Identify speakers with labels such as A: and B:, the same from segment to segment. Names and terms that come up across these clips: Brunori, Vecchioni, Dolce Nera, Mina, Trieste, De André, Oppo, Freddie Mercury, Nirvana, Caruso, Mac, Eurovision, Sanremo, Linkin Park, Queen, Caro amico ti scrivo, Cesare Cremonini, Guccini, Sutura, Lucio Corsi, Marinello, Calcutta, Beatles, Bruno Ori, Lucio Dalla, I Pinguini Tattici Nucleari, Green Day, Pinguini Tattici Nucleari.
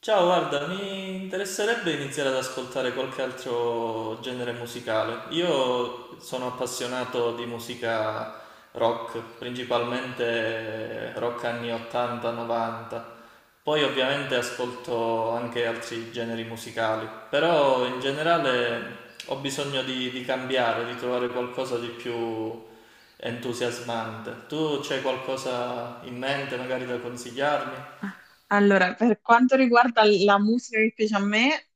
A: Ciao, guarda, mi interesserebbe iniziare ad ascoltare qualche altro genere musicale. Io sono appassionato di musica rock, principalmente rock anni 80-90. Poi ovviamente ascolto anche altri generi musicali, però in generale ho bisogno di cambiare, di trovare qualcosa di più entusiasmante. Tu c'hai qualcosa in mente magari da consigliarmi?
B: Allora, per quanto riguarda la musica che piace a me,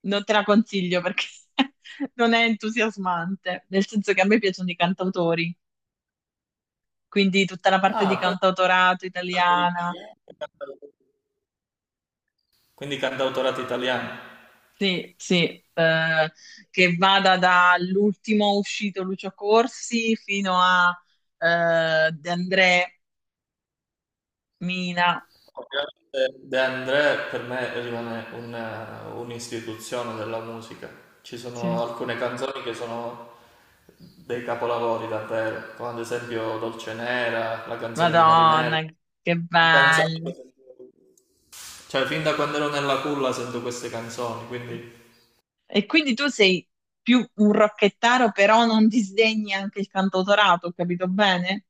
B: non te la consiglio perché non è entusiasmante, nel senso che a me piacciono i cantautori, quindi tutta la parte di
A: Ah, però
B: cantautorato
A: cantautore
B: italiana,
A: italiano e quindi cantautorato italiano.
B: sì, sì, eh, che vada dall'ultimo uscito Lucio Corsi fino a De André, Mina,
A: Ovviamente De André per me rimane un'istituzione della musica. Ci sono
B: sì.
A: alcune canzoni che sono dei capolavori davvero, come ad esempio Dolce Nera, la canzone di Marinello.
B: Madonna, che
A: Canzoni
B: bello.
A: che sentivo- Cioè, fin da quando ero nella culla sento queste canzoni, quindi
B: E quindi tu sei più un rocchettaro, però non disdegni anche il cantautorato, ho capito bene?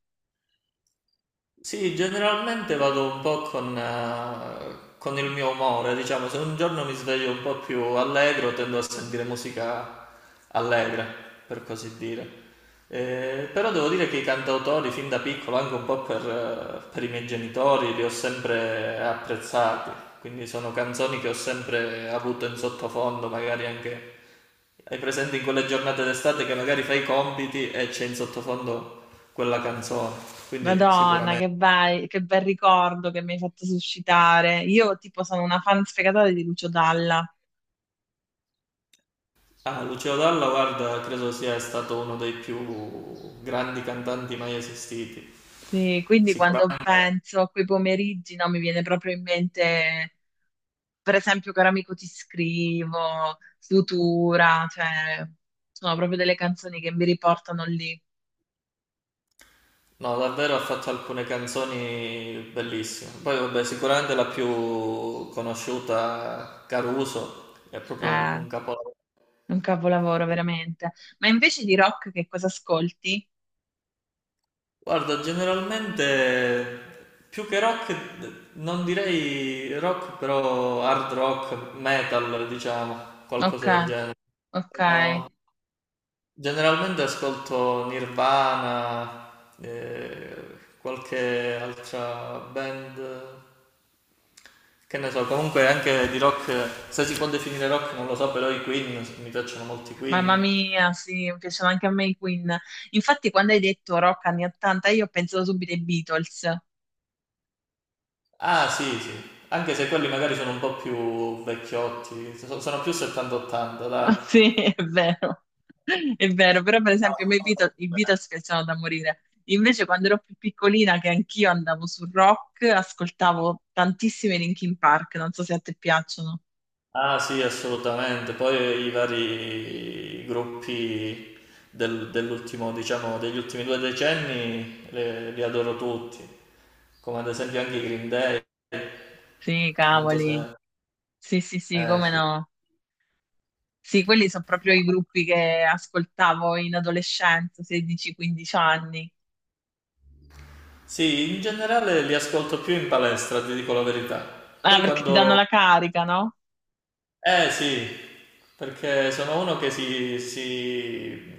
A: sì, generalmente vado un po' con il mio umore, diciamo, se un giorno mi sveglio un po' più allegro, tendo a sentire musica allegra, per così dire. Però devo dire che i cantautori, fin da piccolo, anche un po' per i miei genitori, li ho sempre apprezzati, quindi sono canzoni che ho sempre avuto in sottofondo, magari anche hai presente in quelle giornate d'estate che magari fai i compiti e c'è in sottofondo quella canzone, quindi
B: Madonna,
A: sicuramente.
B: che bel ricordo che mi hai fatto suscitare. Io tipo sono una fan sfegatata di Lucio Dalla.
A: Ah, Lucio Dalla, guarda, credo sia stato uno dei più grandi cantanti mai esistiti.
B: Sì, quindi quando
A: Sicuramente,
B: penso a quei pomeriggi, no, mi viene proprio in mente, per esempio, Caro amico ti scrivo, Sutura, cioè, sono proprio delle canzoni che mi riportano lì.
A: no, davvero ha fatto alcune canzoni bellissime. Poi, vabbè, sicuramente la più conosciuta, Caruso, è proprio
B: Eh,
A: un capolavoro.
B: un capolavoro veramente. Ma invece di rock che cosa ascolti?
A: Guarda, generalmente più che rock, non direi rock, però hard rock, metal, diciamo,
B: Ok,
A: qualcosa del genere.
B: ok.
A: No. Generalmente ascolto Nirvana, qualche altra band, che ne so, comunque anche di rock, se si può definire rock non lo so, però i Queen, mi piacciono molti
B: Mamma
A: Queen.
B: mia, sì, mi piacciono anche a me i Queen. Infatti, quando hai detto rock anni 80, io ho pensato subito ai Beatles.
A: Ah, sì, sì, anche se quelli magari sono un po' più vecchiotti, sono più 70-80, dai.
B: Sì, è vero. È vero, però per esempio a me i Beatles piacciono da morire. Invece quando ero più piccolina, che anch'io andavo sul rock, ascoltavo tantissimi Linkin Park, non so se a te piacciono.
A: Ah, sì, assolutamente. Poi i vari gruppi dell'ultimo, diciamo, degli ultimi due decenni li adoro tutti, come ad esempio anche i Green Day.
B: Sì,
A: Non so
B: cavoli.
A: se...
B: Sì, sì, sì, come
A: Sì.
B: no. Sì, quelli sono proprio i gruppi che ascoltavo in adolescenza, 16-15 anni.
A: Sì, in generale li ascolto più in palestra, ti dico la verità.
B: Ah,
A: Poi
B: perché ti danno
A: quando...
B: la carica, no?
A: Eh sì, perché sono uno che si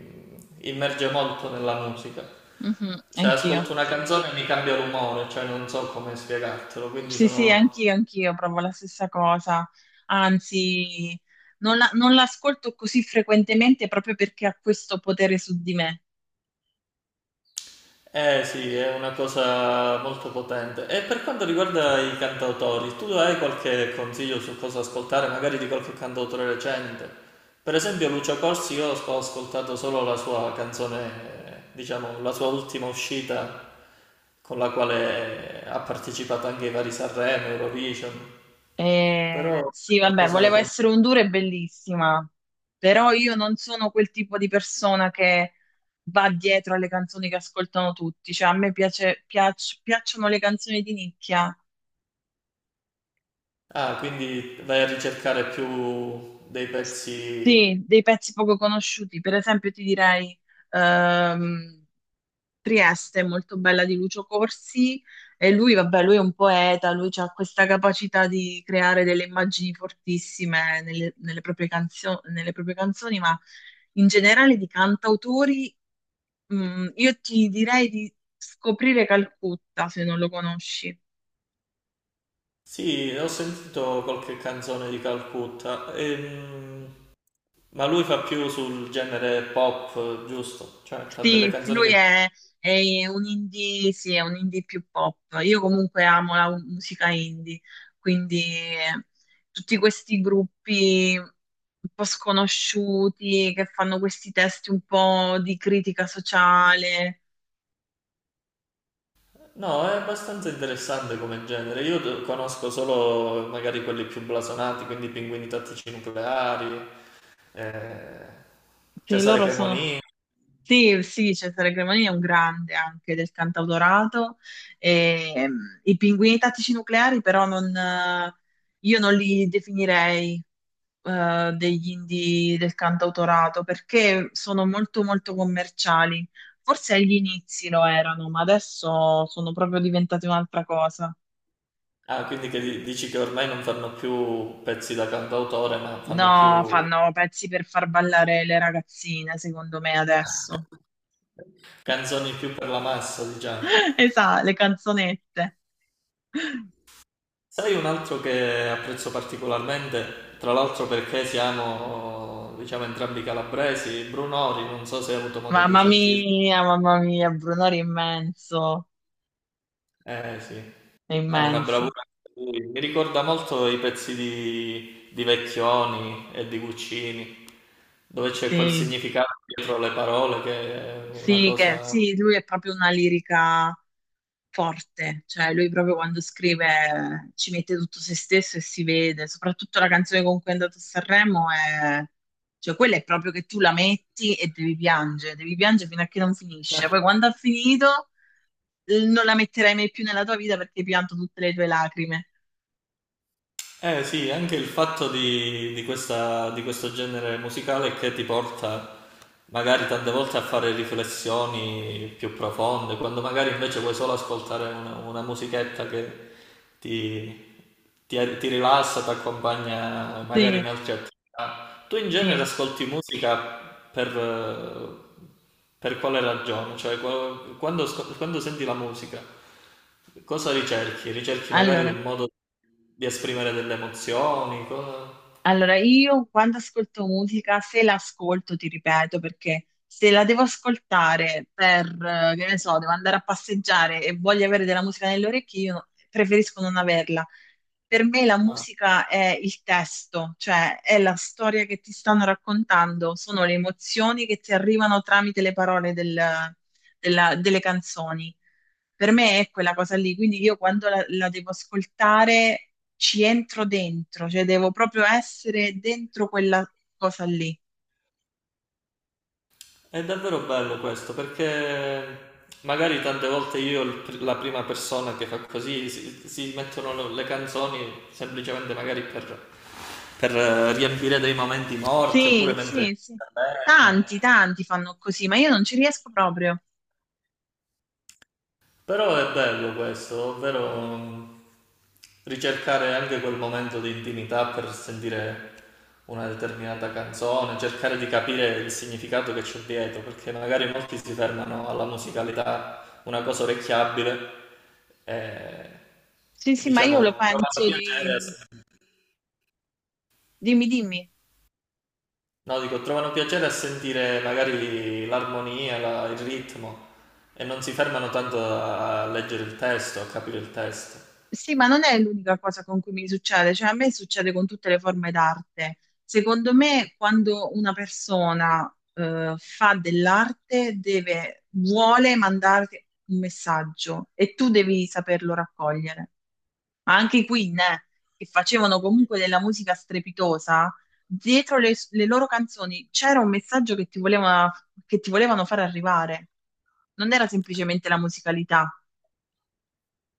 A: immerge molto nella musica.
B: Mhm,
A: Se
B: anch'io.
A: ascolto una canzone mi cambia l'umore, cioè non so come spiegartelo, quindi
B: Sì, sì,
A: sono...
B: anch'io, anch'io provo la stessa cosa. Anzi, non l'ascolto così frequentemente proprio perché ha questo potere su di me.
A: Eh sì, è una cosa molto potente. E per quanto riguarda i cantautori, tu hai qualche consiglio su cosa ascoltare, magari di qualche cantautore recente? Per esempio Lucio Corsi, io ho ascoltato solo la sua canzone, diciamo, la sua ultima uscita con la quale ha partecipato anche ai vari Sanremo, Eurovision, però
B: Sì,
A: è
B: vabbè,
A: qualcosa
B: volevo essere un duro e bellissima, però io non sono quel tipo di persona che va dietro alle canzoni che ascoltano tutti. Cioè, a me piacciono le canzoni di nicchia.
A: ah, quindi vai a ricercare più dei pezzi.
B: Sì, dei pezzi poco conosciuti, per esempio ti direi ehm, Trieste, molto bella di Lucio Corsi, e lui, vabbè, lui è un poeta, lui ha questa capacità di creare delle immagini fortissime nelle nelle proprie canzoni, ma in generale di cantautori, io ti direi di scoprire Calcutta, se non lo conosci.
A: Sì, ho sentito qualche canzone di Calcutta, ma lui fa più sul genere pop, giusto? Cioè fa delle
B: Sì, sì,
A: canzoni che...
B: lui
A: so.
B: è, è un indie, sì, è un indie più pop. Io comunque amo la musica indie, quindi tutti questi gruppi un po' sconosciuti che fanno questi testi un po' di critica sociale.
A: No, è abbastanza interessante come genere. Io conosco solo magari quelli più blasonati, quindi Pinguini Tattici Nucleari, eh,
B: Sì,
A: Cesare
B: loro sono...
A: Cremonini.
B: Sì, sì, Cesare Cremonini è un grande anche del cantautorato. E, i Pinguini Tattici Nucleari però non... io non li definirei, degli indie del cantautorato perché sono molto molto commerciali. Forse agli inizi lo erano, ma adesso sono proprio diventate un'altra cosa.
A: Ah, quindi che dici che ormai non fanno più pezzi da cantautore, ma fanno
B: No,
A: più
B: fanno pezzi per far ballare le ragazzine, secondo me adesso.
A: canzoni più per la massa, diciamo.
B: Esatto, le canzonette.
A: Sai un altro che apprezzo particolarmente, tra l'altro perché siamo, diciamo, entrambi calabresi, Bruno Ori, non so se hai avuto modo di sentirlo.
B: Mamma mia, Brunori è immenso,
A: Eh sì,
B: è
A: ha una
B: immenso.
A: bravura anche lui. Mi ricorda molto i pezzi di Vecchioni e di Guccini, dove c'è quel
B: Sì.
A: significato dietro le parole che è una
B: Sì,
A: cosa.
B: sì, lui è proprio una lirica forte, cioè lui proprio quando scrive ci mette tutto se stesso e si vede, soprattutto la canzone con cui è andato a Sanremo è... Cioè, quella è proprio che tu la metti e devi piangere fino a che non finisce. Poi quando ha finito non la metterai mai più nella tua vita perché hai pianto tutte le tue lacrime.
A: Eh sì, anche il fatto di questo genere musicale che ti porta magari tante volte a fare riflessioni più profonde, quando magari invece vuoi solo ascoltare una musichetta che ti, ti rilassa, ti accompagna magari in
B: Sì,
A: altre attività. Tu in genere
B: sì.
A: ascolti musica per, eh, per quale ragione? Cioè, quando senti la musica, cosa ricerchi? Ricerchi magari
B: Allora,
A: un modo di esprimere delle emozioni? Cosa...
B: Allora, io quando ascolto musica, se l'ascolto, ti ripeto, perché se la devo ascoltare per, che ne so, devo andare a passeggiare e voglio avere della musica nelle orecchie, io preferisco non averla. Per me la
A: ah,
B: musica è il testo, cioè è la storia che ti stanno raccontando, sono le emozioni che ti arrivano tramite le parole delle canzoni. Per me è quella cosa lì, quindi io quando la devo ascoltare ci entro dentro, cioè devo proprio essere dentro quella cosa lì.
A: è davvero bello questo perché magari tante volte io, la prima persona che fa così, si mettono le canzoni semplicemente magari per, riempire dei momenti morti
B: Sì,
A: oppure mentre...
B: sì, sì. Tanti, tanti fanno così, ma io non ci riesco proprio.
A: Però è bello questo, ovvero mm, ricercare anche quel momento di intimità per sentire una determinata canzone, cercare di capire il significato che c'è dietro, perché magari molti si fermano alla musicalità, una cosa orecchiabile, e
B: Sì, sì, ma io lo
A: diciamo trovano
B: penso di... Dimmi, dimmi.
A: no, dico, trovano piacere a sentire magari l'armonia, il ritmo, e non si fermano tanto a leggere il testo, a capire il testo.
B: Sì, ma non è l'unica cosa con cui mi succede, cioè a me succede con tutte le forme d'arte. Secondo me, quando una persona fa dell'arte, vuole mandarti un messaggio e tu devi saperlo raccogliere. Ma anche i Queen, che facevano comunque della musica strepitosa, dietro le loro canzoni c'era un messaggio che ti volevano far arrivare. Non era semplicemente la musicalità.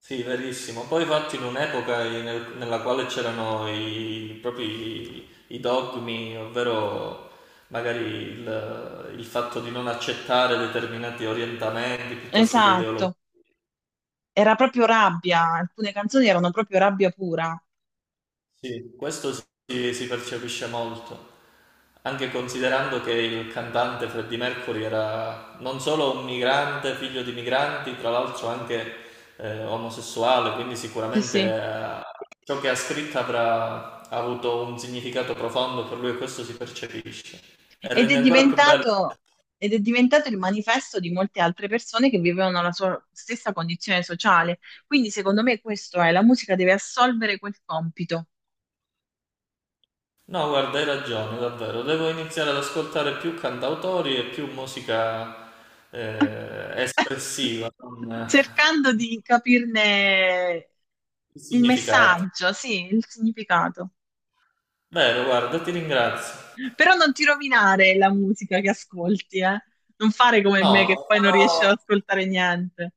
A: Sì, verissimo. Poi infatti in un'epoca nella quale c'erano i, proprio i dogmi, ovvero magari il fatto di non accettare determinati orientamenti piuttosto che ideologie.
B: Esatto, era proprio rabbia, alcune canzoni erano proprio rabbia pura.
A: Questo si percepisce molto, anche considerando che il cantante Freddie Mercury era non solo un migrante, figlio di migranti, tra l'altro anche omosessuale, quindi
B: Sì,
A: sicuramente
B: sì.
A: ciò che ha scritto avrà ha avuto un significato profondo per lui e questo si percepisce. E
B: Ed è
A: rende ancora più bello.
B: diventato, ed è diventato il manifesto di molte altre persone che vivevano la sua stessa condizione sociale. Quindi, secondo me, la musica deve assolvere quel compito.
A: No, guarda, hai ragione, davvero. Devo iniziare ad ascoltare più cantautori e più musica espressiva, con
B: Cercando di capirne il
A: significato.
B: messaggio, sì, il significato.
A: Vero, guarda, ti ringrazio.
B: Però non ti rovinare la musica che ascolti, eh. Non fare come
A: No,
B: me
A: no,
B: che poi non riesci
A: farò,
B: ad ascoltare niente.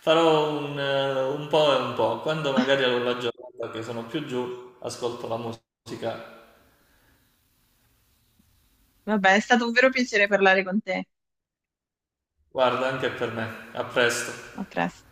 A: farò un po' e un po'. Quando magari ho la giornata che sono più giù, ascolto la musica.
B: Vabbè, è stato un vero piacere parlare con te.
A: Guarda, anche per me. A presto.
B: A presto.